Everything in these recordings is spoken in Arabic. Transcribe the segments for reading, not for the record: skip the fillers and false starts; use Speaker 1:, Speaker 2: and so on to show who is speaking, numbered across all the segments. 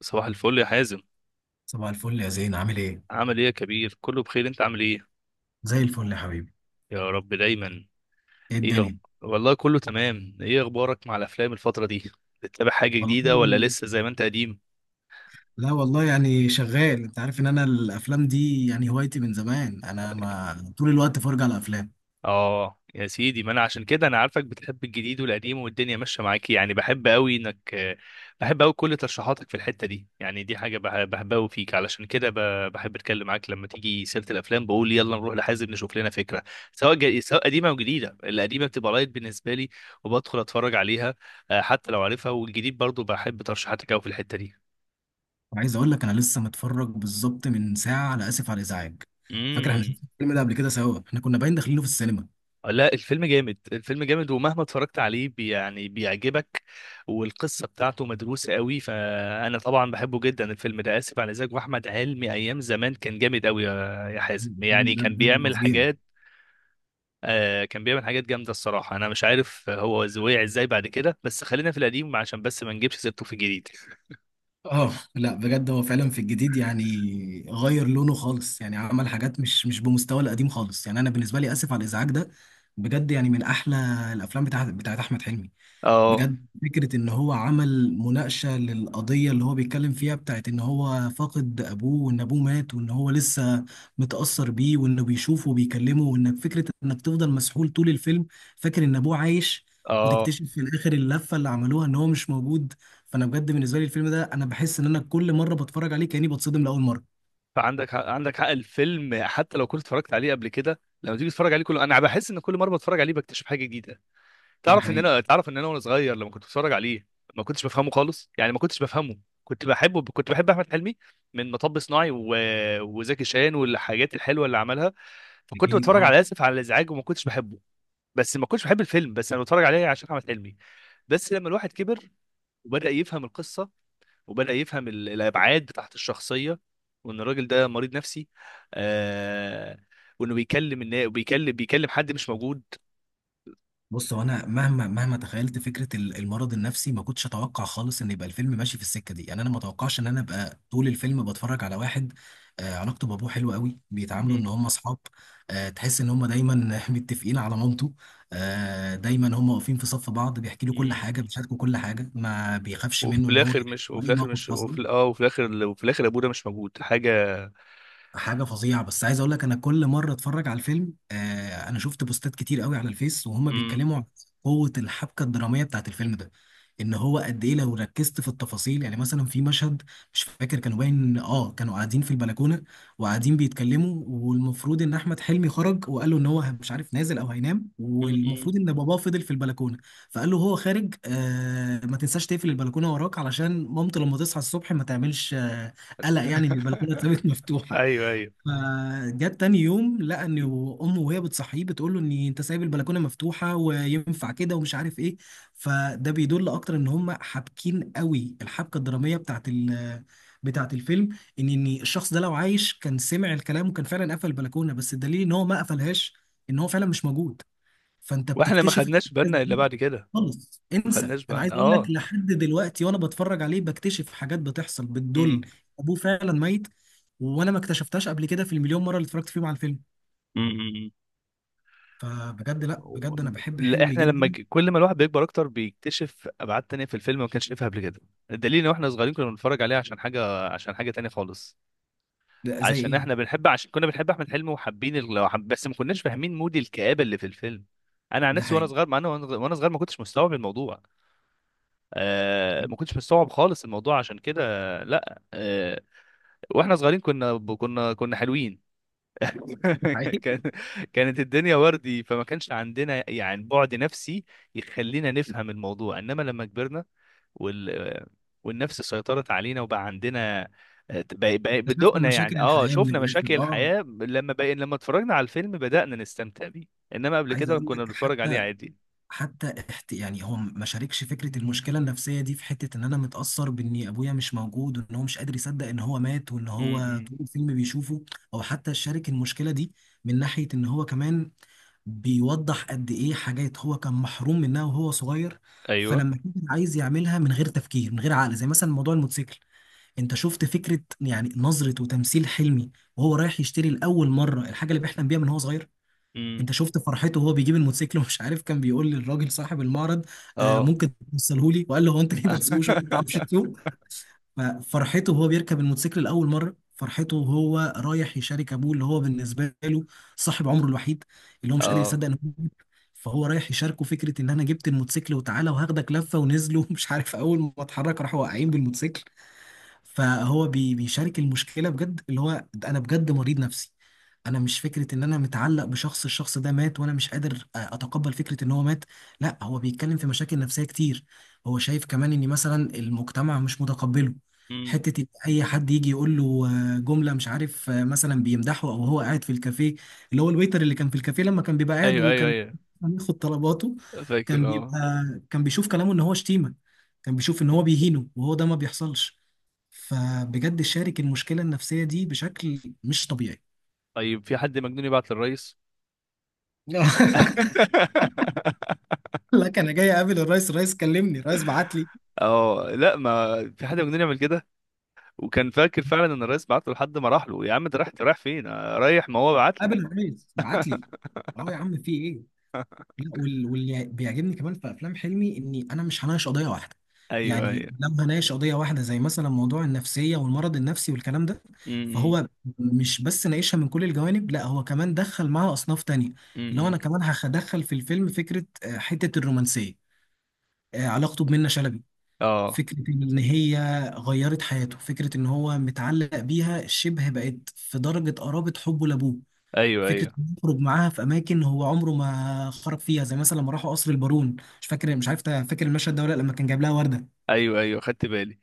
Speaker 1: صباح الفل يا حازم.
Speaker 2: صباح الفل يا زين، عامل ايه؟
Speaker 1: عامل ايه يا كبير، كله بخير، انت عامل ايه؟
Speaker 2: زي الفل يا حبيبي.
Speaker 1: يا رب دايما.
Speaker 2: ايه
Speaker 1: ايه أخب...
Speaker 2: الدنيا؟
Speaker 1: والله كله تمام. ايه اخبارك مع الافلام الفترة دي؟ بتتابع حاجة جديدة ولا
Speaker 2: والله
Speaker 1: لسه زي ما انت قديم؟
Speaker 2: لا والله يعني شغال. انت عارف ان انا الافلام دي يعني هوايتي من زمان، انا ما طول الوقت فرجة على افلام.
Speaker 1: اه يا سيدي، ما انا عشان كده انا عارفك بتحب الجديد والقديم والدنيا ماشيه معاكي، يعني بحب قوي انك بحب قوي كل ترشيحاتك في الحته دي. يعني دي حاجه بحبها قوي فيك، علشان كده بحب اتكلم معاك لما تيجي سيره الافلام، بقول يلا نروح لحازم نشوف لنا فكره، سواء قديمه او جديده. القديمه بتبقى لايت بالنسبه لي وبدخل اتفرج عليها، حتى لو عارفها، والجديد برضو بحب ترشيحاتك قوي في الحته دي.
Speaker 2: وعايز اقول لك انا لسه متفرج بالظبط من ساعة على اسف على الازعاج. فاكر احنا شفنا
Speaker 1: امم.
Speaker 2: الفيلم ده قبل كده سوا، احنا كنا باين داخلينه في السينما.
Speaker 1: لا، الفيلم جامد، الفيلم جامد، ومهما اتفرجت عليه يعني بيعجبك، والقصة بتاعته مدروسة قوي، فأنا طبعا بحبه جدا الفيلم ده آسف على الإزعاج. وأحمد حلمي أيام زمان كان جامد قوي يا حازم، يعني
Speaker 2: الفيلم ده
Speaker 1: كان
Speaker 2: بجد
Speaker 1: بيعمل
Speaker 2: فظيع.
Speaker 1: حاجات. آه، كان بيعمل حاجات جامدة الصراحة، أنا مش عارف هو وقع إزاي بعد كده، بس خلينا في القديم عشان بس ما نجيبش سيرته في الجديد.
Speaker 2: اه لا، بجد هو فعلا في الجديد يعني غير لونه خالص، يعني عمل حاجات مش بمستوى القديم خالص. يعني انا بالنسبه لي اسف على الازعاج ده بجد يعني من احلى الافلام بتاعت احمد حلمي.
Speaker 1: اه.
Speaker 2: بجد فكرة إن هو عمل مناقشة للقضية اللي هو بيتكلم فيها بتاعت إن هو فاقد أبوه وإن أبوه مات وإن هو لسه متأثر بيه وإنه بيشوفه وبيكلمه، وإنك فكرة إنك تفضل مسحول طول الفيلم فاكر إن أبوه عايش،
Speaker 1: اه،
Speaker 2: وتكتشف في الآخر اللفة اللي عملوها إن هو مش موجود. فأنا بجد بالنسبة لي الفيلم ده أنا بحس إن أنا كل مرة بتفرج عليه كأني بتصدم لأول مرة.
Speaker 1: فعندك حق، عندك حق، الفيلم حتى لو كنت اتفرجت عليه قبل كده لما تيجي تتفرج عليه كله، انا بحس ان كل مره بتفرج عليه بكتشف حاجه جديده.
Speaker 2: ده حقيقي.
Speaker 1: تعرف ان انا وانا صغير لما كنت بتفرج عليه ما كنتش بفهمه خالص، يعني ما كنتش بفهمه. كنت بحبه، كنت بحب احمد حلمي من مطب صناعي وزكي شان والحاجات الحلوه اللي عملها. فكنت
Speaker 2: أكيد،
Speaker 1: بتفرج
Speaker 2: أه.
Speaker 1: على اسف على الازعاج وما كنتش بحبه، بس ما كنتش بحب الفيلم، بس انا بتفرج عليه عشان احمد حلمي. بس لما الواحد كبر وبدا يفهم القصه، وبدا يفهم الابعاد بتاعت الشخصيه، وان الراجل ده مريض نفسي. آه... وانه بيكلم النا... بيكلم بيكلم حد مش موجود.
Speaker 2: بص هو انا مهما تخيلت فكره المرض النفسي ما كنتش اتوقع خالص ان يبقى الفيلم ماشي في السكه دي، يعني انا ما اتوقعش ان انا ابقى طول الفيلم بتفرج على واحد. علاقته بابوه حلوه قوي، بيتعاملوا ان هم اصحاب. تحس ان هم دايما متفقين على مامته. دايما هم واقفين في صف بعض، بيحكي له كل
Speaker 1: مم.
Speaker 2: حاجه، بيشاركوا كل حاجه، ما بيخافش منه ان هو يحكي له اي موقف حصل.
Speaker 1: وفي الاخر ابونا مش موجود حاجه.
Speaker 2: حاجه فظيعه. بس عايز اقول لك انا كل مره اتفرج على الفيلم انا شفت بوستات كتير قوي على الفيس وهم
Speaker 1: امم.
Speaker 2: بيتكلموا عن قوه الحبكه الدراميه بتاعت الفيلم ده، ان هو قد ايه لو ركزت في التفاصيل. يعني مثلا في مشهد مش فاكر كانوا باين، كانوا قاعدين في البلكونه وقاعدين بيتكلموا، والمفروض ان احمد حلمي خرج وقال له ان هو مش عارف نازل او هينام،
Speaker 1: امم.
Speaker 2: والمفروض ان باباه فضل في البلكونه. فقال له هو خارج ما تنساش تقفل البلكونه وراك علشان مامته لما تصحى الصبح ما تعملش قلق، يعني ان البلكونه اتسابت مفتوحه.
Speaker 1: ايوه، ايوه.
Speaker 2: فجت تاني يوم لقى ان امه وهي بتصحيه بتقول له ان انت سايب البلكونه مفتوحه وينفع كده ومش عارف ايه. فده بيدل اكتر ان هم حابكين قوي الحبكه الدراميه بتاعت الفيلم، ان الشخص ده لو عايش كان سمع الكلام وكان فعلا قفل البلكونه، بس الدليل ان هو ما قفلهاش ان هو فعلا مش موجود. فانت
Speaker 1: واحنا ما
Speaker 2: بتكتشف
Speaker 1: خدناش بالنا
Speaker 2: الأحداث
Speaker 1: الا
Speaker 2: دي
Speaker 1: بعد كده.
Speaker 2: خالص،
Speaker 1: ما
Speaker 2: انسى.
Speaker 1: خدناش
Speaker 2: انا عايز
Speaker 1: بالنا،
Speaker 2: اقول لك
Speaker 1: اه.
Speaker 2: لحد دلوقتي وانا بتفرج عليه بكتشف حاجات بتحصل بتدل
Speaker 1: امم،
Speaker 2: ابوه فعلا ميت، وانا ما اكتشفتهاش قبل كده في المليون مره اللي اتفرجت فيهم على الفيلم.
Speaker 1: امم.
Speaker 2: فبجد، لا
Speaker 1: و-
Speaker 2: بجد انا بحب
Speaker 1: لا،
Speaker 2: حلمي
Speaker 1: احنا
Speaker 2: جدا.
Speaker 1: كل ما الواحد بيكبر اكتر بيكتشف ابعاد تانية في الفيلم ما كانش شايفها قبل كده. الدليل ان احنا صغيرين كنا بنتفرج عليه عشان حاجه تانية خالص.
Speaker 2: ده زي ايه.
Speaker 1: عشان كنا بنحب احمد حلمي وحابين بس ما كناش فاهمين مود الكآبة اللي في الفيلم. انا عن
Speaker 2: ده
Speaker 1: نفسي وانا
Speaker 2: حقيقي.
Speaker 1: صغير، مع انا وانا وأنا صغير ما كنتش مستوعب الموضوع. آه، ما كنتش مستوعب خالص الموضوع، عشان كده. لا، آه، واحنا صغيرين كنا حلوين.
Speaker 2: ده حقيقي.
Speaker 1: كان كانت الدنيا وردي، فما كانش عندنا يعني بعد نفسي يخلينا نفهم الموضوع، انما لما كبرنا وال والنفس سيطرت علينا، وبقى عندنا،
Speaker 2: اكتشفنا
Speaker 1: بدقنا
Speaker 2: مشاكل
Speaker 1: يعني،
Speaker 2: الحياه من
Speaker 1: شفنا
Speaker 2: الاخر،
Speaker 1: مشاكل
Speaker 2: اه.
Speaker 1: الحياة. لما اتفرجنا على الفيلم بدأنا نستمتع بيه. انما قبل
Speaker 2: عايز
Speaker 1: كده
Speaker 2: اقول
Speaker 1: كنا
Speaker 2: لك،
Speaker 1: بنتفرج عليه
Speaker 2: حتى
Speaker 1: عادي.
Speaker 2: حتى احت... يعني هو ما شاركش فكره المشكله النفسيه دي في حته ان انا متاثر بان ابويا مش موجود وان هو مش قادر يصدق ان هو مات وان هو
Speaker 1: امم.
Speaker 2: طول الفيلم بيشوفه، او حتى شارك المشكله دي من ناحيه ان هو كمان بيوضح قد ايه حاجات هو كان محروم منها وهو صغير.
Speaker 1: ايوه.
Speaker 2: فلما كان عايز يعملها من غير تفكير، من غير عقل، زي مثلا موضوع الموتوسيكل. انت شفت فكره يعني نظره وتمثيل حلمي وهو رايح يشتري لاول مره الحاجه اللي بيحلم بيها من هو صغير.
Speaker 1: امم،
Speaker 2: انت شفت فرحته وهو بيجيب الموتوسيكل، ومش عارف كان بيقول للراجل صاحب المعرض
Speaker 1: اه.
Speaker 2: ممكن توصلهولي، وقال له هو: انت ليه ما تسوقوش، انت ما بتعرفش تسوق. ففرحته وهو بيركب الموتوسيكل لاول مره، فرحته وهو رايح يشارك ابوه اللي هو بالنسبه له صاحب عمره الوحيد، اللي هو مش قادر
Speaker 1: اه.
Speaker 2: يصدق انه جديد. فهو رايح يشاركه فكره ان انا جبت الموتوسيكل وتعالى وهاخدك لفه، ونزلوا مش عارف، اول ما اتحرك راحوا واقعين بالموتوسيكل. فهو بيشارك المشكله بجد، اللي هو ده انا بجد مريض نفسي. انا مش فكره ان انا متعلق بشخص، الشخص ده مات وانا مش قادر اتقبل فكره ان هو مات. لا هو بيتكلم في مشاكل نفسيه كتير. هو شايف كمان ان مثلا المجتمع مش متقبله،
Speaker 1: امم.
Speaker 2: حته إن اي حد يجي يقول له جمله مش عارف، مثلا بيمدحه، او هو قاعد في الكافيه، اللي هو الويتر اللي كان في الكافيه لما كان بيبقى قاعد
Speaker 1: ايوه، ايوه،
Speaker 2: وكان
Speaker 1: ايوه.
Speaker 2: بياخد طلباته، كان
Speaker 1: فاكر،
Speaker 2: بيبقى
Speaker 1: اه.
Speaker 2: كان بيشوف كلامه ان هو شتيمه، كان بيشوف ان هو بيهينه، وهو ده ما بيحصلش. فبجد شارك المشكلة النفسية دي بشكل مش طبيعي.
Speaker 1: طيب، في حد مجنون يبعت للرئيس؟
Speaker 2: لك انا جاي اقابل الرئيس، الرئيس كلمني، الرئيس بعت لي،
Speaker 1: اه، لا، ما في حد مجنون يعمل كده. وكان فاكر فعلا ان الرئيس بعت له لحد ما راح له، يا عم ده رايح، رايح فين؟ آه، رايح، ما هو بعت لي.
Speaker 2: قابل الرئيس بعت لي. اه يا عم في ايه. لا واللي بيعجبني كمان في افلام حلمي اني انا مش هناقش قضيه واحده،
Speaker 1: ايوه،
Speaker 2: يعني
Speaker 1: ايوه.
Speaker 2: لما هناقش قضيه واحده زي مثلا موضوع النفسيه والمرض النفسي والكلام ده،
Speaker 1: امم، امم.
Speaker 2: فهو مش بس ناقشها من كل الجوانب، لا هو كمان دخل معاها اصناف تانية،
Speaker 1: إمم،
Speaker 2: اللي هو انا
Speaker 1: إمم.
Speaker 2: كمان هدخل في الفيلم فكره حته الرومانسيه، علاقته بمنة شلبي.
Speaker 1: اه،
Speaker 2: فكرة إن هي غيرت حياته، فكرة إن هو متعلق بيها شبه بقت في درجة قرابة حبه لأبوه.
Speaker 1: ايوه،
Speaker 2: فكرة
Speaker 1: ايوه،
Speaker 2: إنه يخرج معاها في أماكن هو عمره ما خرج فيها، زي مثلا لما راحوا قصر البارون. مش فاكر، مش عارف فاكر المشهد ده ولا لأ؟ لما كان جايب لها وردة،
Speaker 1: ايوه، ايوه، خدت بالي.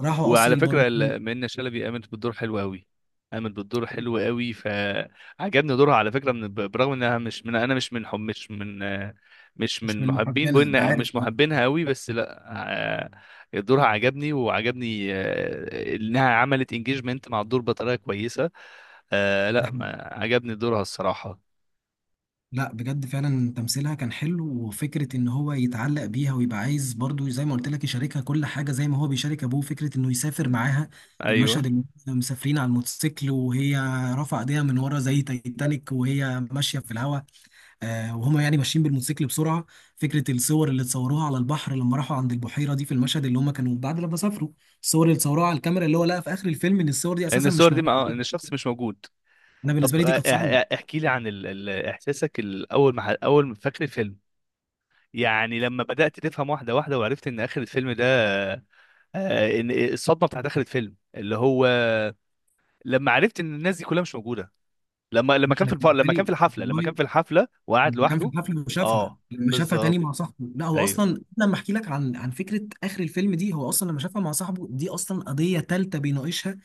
Speaker 2: راحوا قصر
Speaker 1: وعلى
Speaker 2: البارون.
Speaker 1: فكره منة شلبي قامت بالدور حلو قوي، قامت بالدور حلو قوي، فعجبني دورها على فكره، برغم انها مش
Speaker 2: مش
Speaker 1: من
Speaker 2: من محبنا،
Speaker 1: محبين،
Speaker 2: أنا
Speaker 1: بقولنا
Speaker 2: عارف،
Speaker 1: مش
Speaker 2: أه.
Speaker 1: محبينها قوي، بس لا. دورها عجبني وعجبني، انها عملت انجيجمنت مع الدور بطريقه كويسه. آه، لا،
Speaker 2: ده
Speaker 1: ما عجبني دورها الصراحة.
Speaker 2: لا بجد، فعلا تمثيلها كان حلو، وفكرة ان هو يتعلق بيها ويبقى عايز برضو زي ما قلت لك يشاركها كل حاجة زي ما هو بيشارك ابوه، فكرة انه يسافر معاها.
Speaker 1: ايوه.
Speaker 2: المشهد اللي هم مسافرين على الموتوسيكل وهي رافعة ايديها من ورا زي تايتانيك وهي ماشية في الهواء، آه وهما يعني ماشيين بالموتوسيكل بسرعة. فكرة الصور اللي اتصوروها على البحر لما راحوا عند البحيرة دي، في المشهد اللي هم كانوا بعد لما سافروا، الصور اللي اتصوروها على الكاميرا اللي هو لقى في اخر الفيلم ان الصور دي
Speaker 1: ان
Speaker 2: اساسا مش
Speaker 1: الصور دي ما آه،
Speaker 2: موجودة.
Speaker 1: ان الشخص مش موجود.
Speaker 2: انا
Speaker 1: طب،
Speaker 2: بالنسبة لي دي كانت صدمة.
Speaker 1: احكي لي عن احساسك، اول ما فاكر الفيلم. يعني لما بدأت تفهم واحدة واحدة وعرفت ان اخر الفيلم ده، ان الصدمة بتاعت اخر الفيلم اللي هو لما عرفت ان الناس دي كلها مش موجودة. لما
Speaker 2: لا
Speaker 1: كان في
Speaker 2: انا بالنسبة
Speaker 1: لما كان في
Speaker 2: لي
Speaker 1: الحفلة لما كان
Speaker 2: والله
Speaker 1: في الحفلة وقعد لوحده. اه،
Speaker 2: لما شافها تاني
Speaker 1: بالظبط.
Speaker 2: مع صاحبه، لا هو
Speaker 1: ايوه.
Speaker 2: اصلا لما احكي لك عن فكره اخر الفيلم دي، هو اصلا لما شافها مع صاحبه دي اصلا قضيه تالته بيناقشها.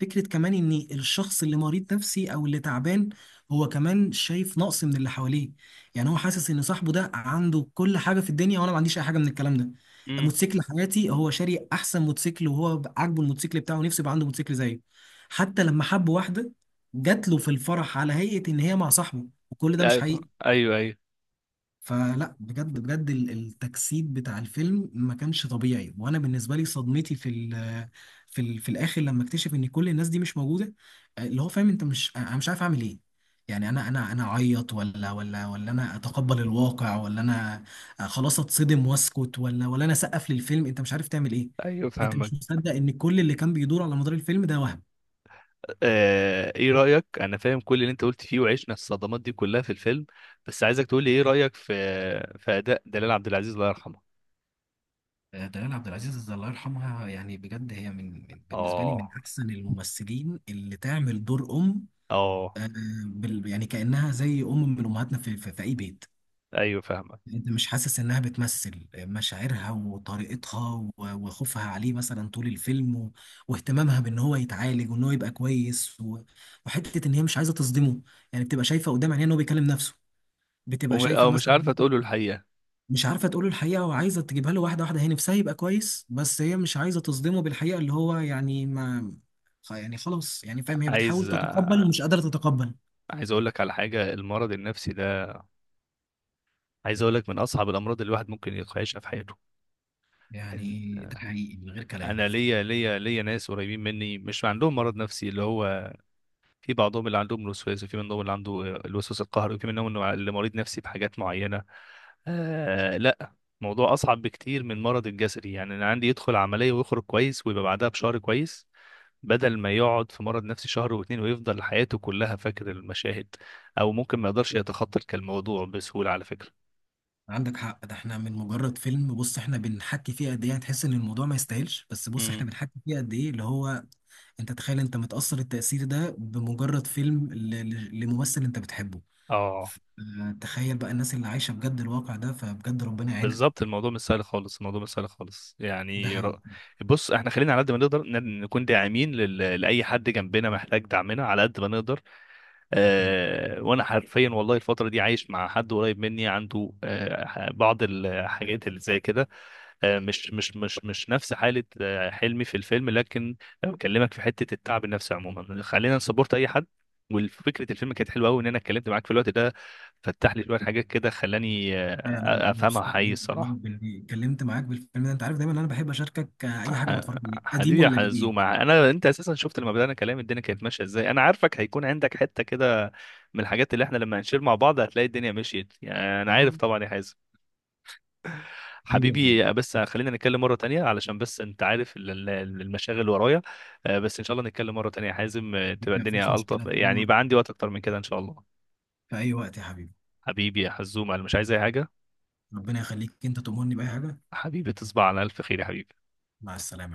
Speaker 2: فكره كمان ان الشخص اللي مريض نفسي او اللي تعبان هو كمان شايف نقص من اللي حواليه. يعني هو حاسس ان صاحبه ده عنده كل حاجه في الدنيا وانا ما عنديش اي حاجه من الكلام ده.
Speaker 1: امم.
Speaker 2: موتوسيكل حياتي، هو شاري احسن موتوسيكل وهو عاجبه الموتوسيكل بتاعه، نفسه يبقى عنده موتوسيكل زيه. حتى لما حب واحده، جات له في الفرح على هيئه ان هي مع صاحبه، وكل ده مش حقيقي.
Speaker 1: ايوه، ايوه،
Speaker 2: فلا بجد بجد التجسيد بتاع الفيلم ما كانش طبيعي. وانا بالنسبه لي صدمتي في الاخر لما اكتشف ان كل الناس دي مش موجوده. اللي هو فاهم، انت مش، انا مش عارف اعمل ايه. يعني انا اعيط ولا انا اتقبل الواقع ولا انا خلاص اتصدم واسكت، ولا انا اسقف للفيلم. انت مش عارف تعمل ايه.
Speaker 1: ايوه،
Speaker 2: انت
Speaker 1: فاهمك.
Speaker 2: مش مصدق ان كل اللي كان بيدور على مدار الفيلم ده وهم.
Speaker 1: ايه رأيك، انا فاهم كل اللي انت قلت فيه وعشنا الصدمات دي كلها في الفيلم، بس عايزك تقول لي ايه رأيك في اداء دلال عبد العزيز الله يرحمه.
Speaker 2: دلال عبد العزيز الله يرحمها، يعني بجد هي بالنسبه لي من
Speaker 1: اه.
Speaker 2: احسن الممثلين اللي تعمل دور ام.
Speaker 1: اه،
Speaker 2: آه، يعني كأنها زي أم من أمهاتنا في, أي بيت.
Speaker 1: ايوه، فاهمك.
Speaker 2: أنت مش حاسس إنها بتمثل مشاعرها وطريقتها وخوفها عليه مثلا طول الفيلم واهتمامها بإن هو يتعالج وإن هو يبقى كويس، وحتة إن هي مش عايزة تصدمه. يعني بتبقى شايفة قدام عينيها إن هو بيكلم نفسه، بتبقى شايفة
Speaker 1: او مش
Speaker 2: مثلا
Speaker 1: عارفه تقوله الحقيقة.
Speaker 2: مش عارفة تقول له الحقيقة وعايزة تجيبها له واحدة واحدة، هي نفسها يبقى كويس بس هي مش عايزة تصدمه بالحقيقة اللي هو يعني ما يعني خلاص يعني فاهم، هي بتحاول
Speaker 1: عايز
Speaker 2: تتقبل
Speaker 1: آه،
Speaker 2: ومش قادرة تتقبل.
Speaker 1: عايز اقول لك على حاجة، المرض النفسي ده. عايز اقول لك من اصعب الامراض اللي الواحد ممكن يعيشها في حياته. إن-
Speaker 2: يعني ده حقيقي من غير كلام.
Speaker 1: انا ليا ناس قريبين مني مش عندهم مرض نفسي، اللي هو في بعضهم اللي عندهم الوسواس، وفي منهم اللي عنده، الوسواس القهري، وفي منهم إنه اللي مريض نفسي بحاجات معينة. آه، لا، موضوع أصعب بكتير من مرض الجسدي، يعني أنا عندي يدخل عملية ويخرج كويس ويبقى بعدها بشهر كويس، بدل ما يقعد في مرض نفسي شهر واتنين ويفضل حياته كلها فاكر المشاهد. أو ممكن ما يقدرش يتخطى الموضوع بسهولة على فكرة.
Speaker 2: عندك حق. ده احنا من مجرد فيلم، بص احنا بنحكي فيه قد ايه هتحس ان الموضوع ما يستاهلش، بس بص
Speaker 1: امم.
Speaker 2: احنا بنحكي فيه قد ايه، اللي هو انت تخيل انت متأثر التأثير ده بمجرد فيلم لممثل انت بتحبه.
Speaker 1: اه،
Speaker 2: اه، تخيل بقى الناس اللي عايشة بجد الواقع ده، فبجد ربنا يعينها.
Speaker 1: بالظبط. الموضوع مش سهل خالص، الموضوع مش سهل خالص،
Speaker 2: ده
Speaker 1: يعني
Speaker 2: حقيقي.
Speaker 1: بص، احنا خلينا على قد ما نقدر نكون داعمين لأي حد جنبنا محتاج دعمنا على قد ما نقدر.
Speaker 2: أكيد.
Speaker 1: اه، وانا حرفيا والله الفترة دي عايش مع حد قريب مني عنده بعض الحاجات اللي زي كده. اه، مش نفس حالة حلمي في الفيلم، لكن بكلمك في حتة التعب النفسي عموما، خلينا نسبورت اي حد. وفكرة الفيلم كانت حلوة قوي ان انا اتكلمت معاك في الوقت ده، فتح لي شوية حاجات كده خلاني
Speaker 2: انا
Speaker 1: افهمها
Speaker 2: مبسوط
Speaker 1: حقيقي
Speaker 2: أوي والله
Speaker 1: الصراحة.
Speaker 2: باللي اتكلمت معاك بالفيلم ده، انت عارف دايما انا بحب اشاركك اي حاجة
Speaker 1: ح-
Speaker 2: بتفرج عليها قديم
Speaker 1: حبيبي يا
Speaker 2: ولا
Speaker 1: حزومة،
Speaker 2: جديد.
Speaker 1: انت اساسا شفت لما بدأنا كلام الدنيا كانت ماشية ازاي، انا عارفك هيكون عندك حتة كده من الحاجات اللي احنا لما هنشير مع بعض هتلاقي الدنيا مشيت، يعني انا عارف
Speaker 2: اه.
Speaker 1: طبعا يا حازم.
Speaker 2: دي ما
Speaker 1: حبيبي، بس خلينا نتكلم مرة تانية علشان بس انت عارف المشاغل اللي ورايا. بس ان شاء الله نتكلم مرة تانية يا حازم، تبقى
Speaker 2: فيش
Speaker 1: الدنيا ألطف
Speaker 2: مشكلة، في اي
Speaker 1: يعني،
Speaker 2: وقت،
Speaker 1: يبقى عندي وقت اكتر من كده ان شاء الله.
Speaker 2: في اي وقت يا حبيبي.
Speaker 1: حبيبي يا حزومة، انا مش عايز اي حاجة.
Speaker 2: ربنا يخليك، انت تؤمرني بأي حاجة.
Speaker 1: حبيبي، تصبح على الف خير يا حبيبي.
Speaker 2: مع السلامة.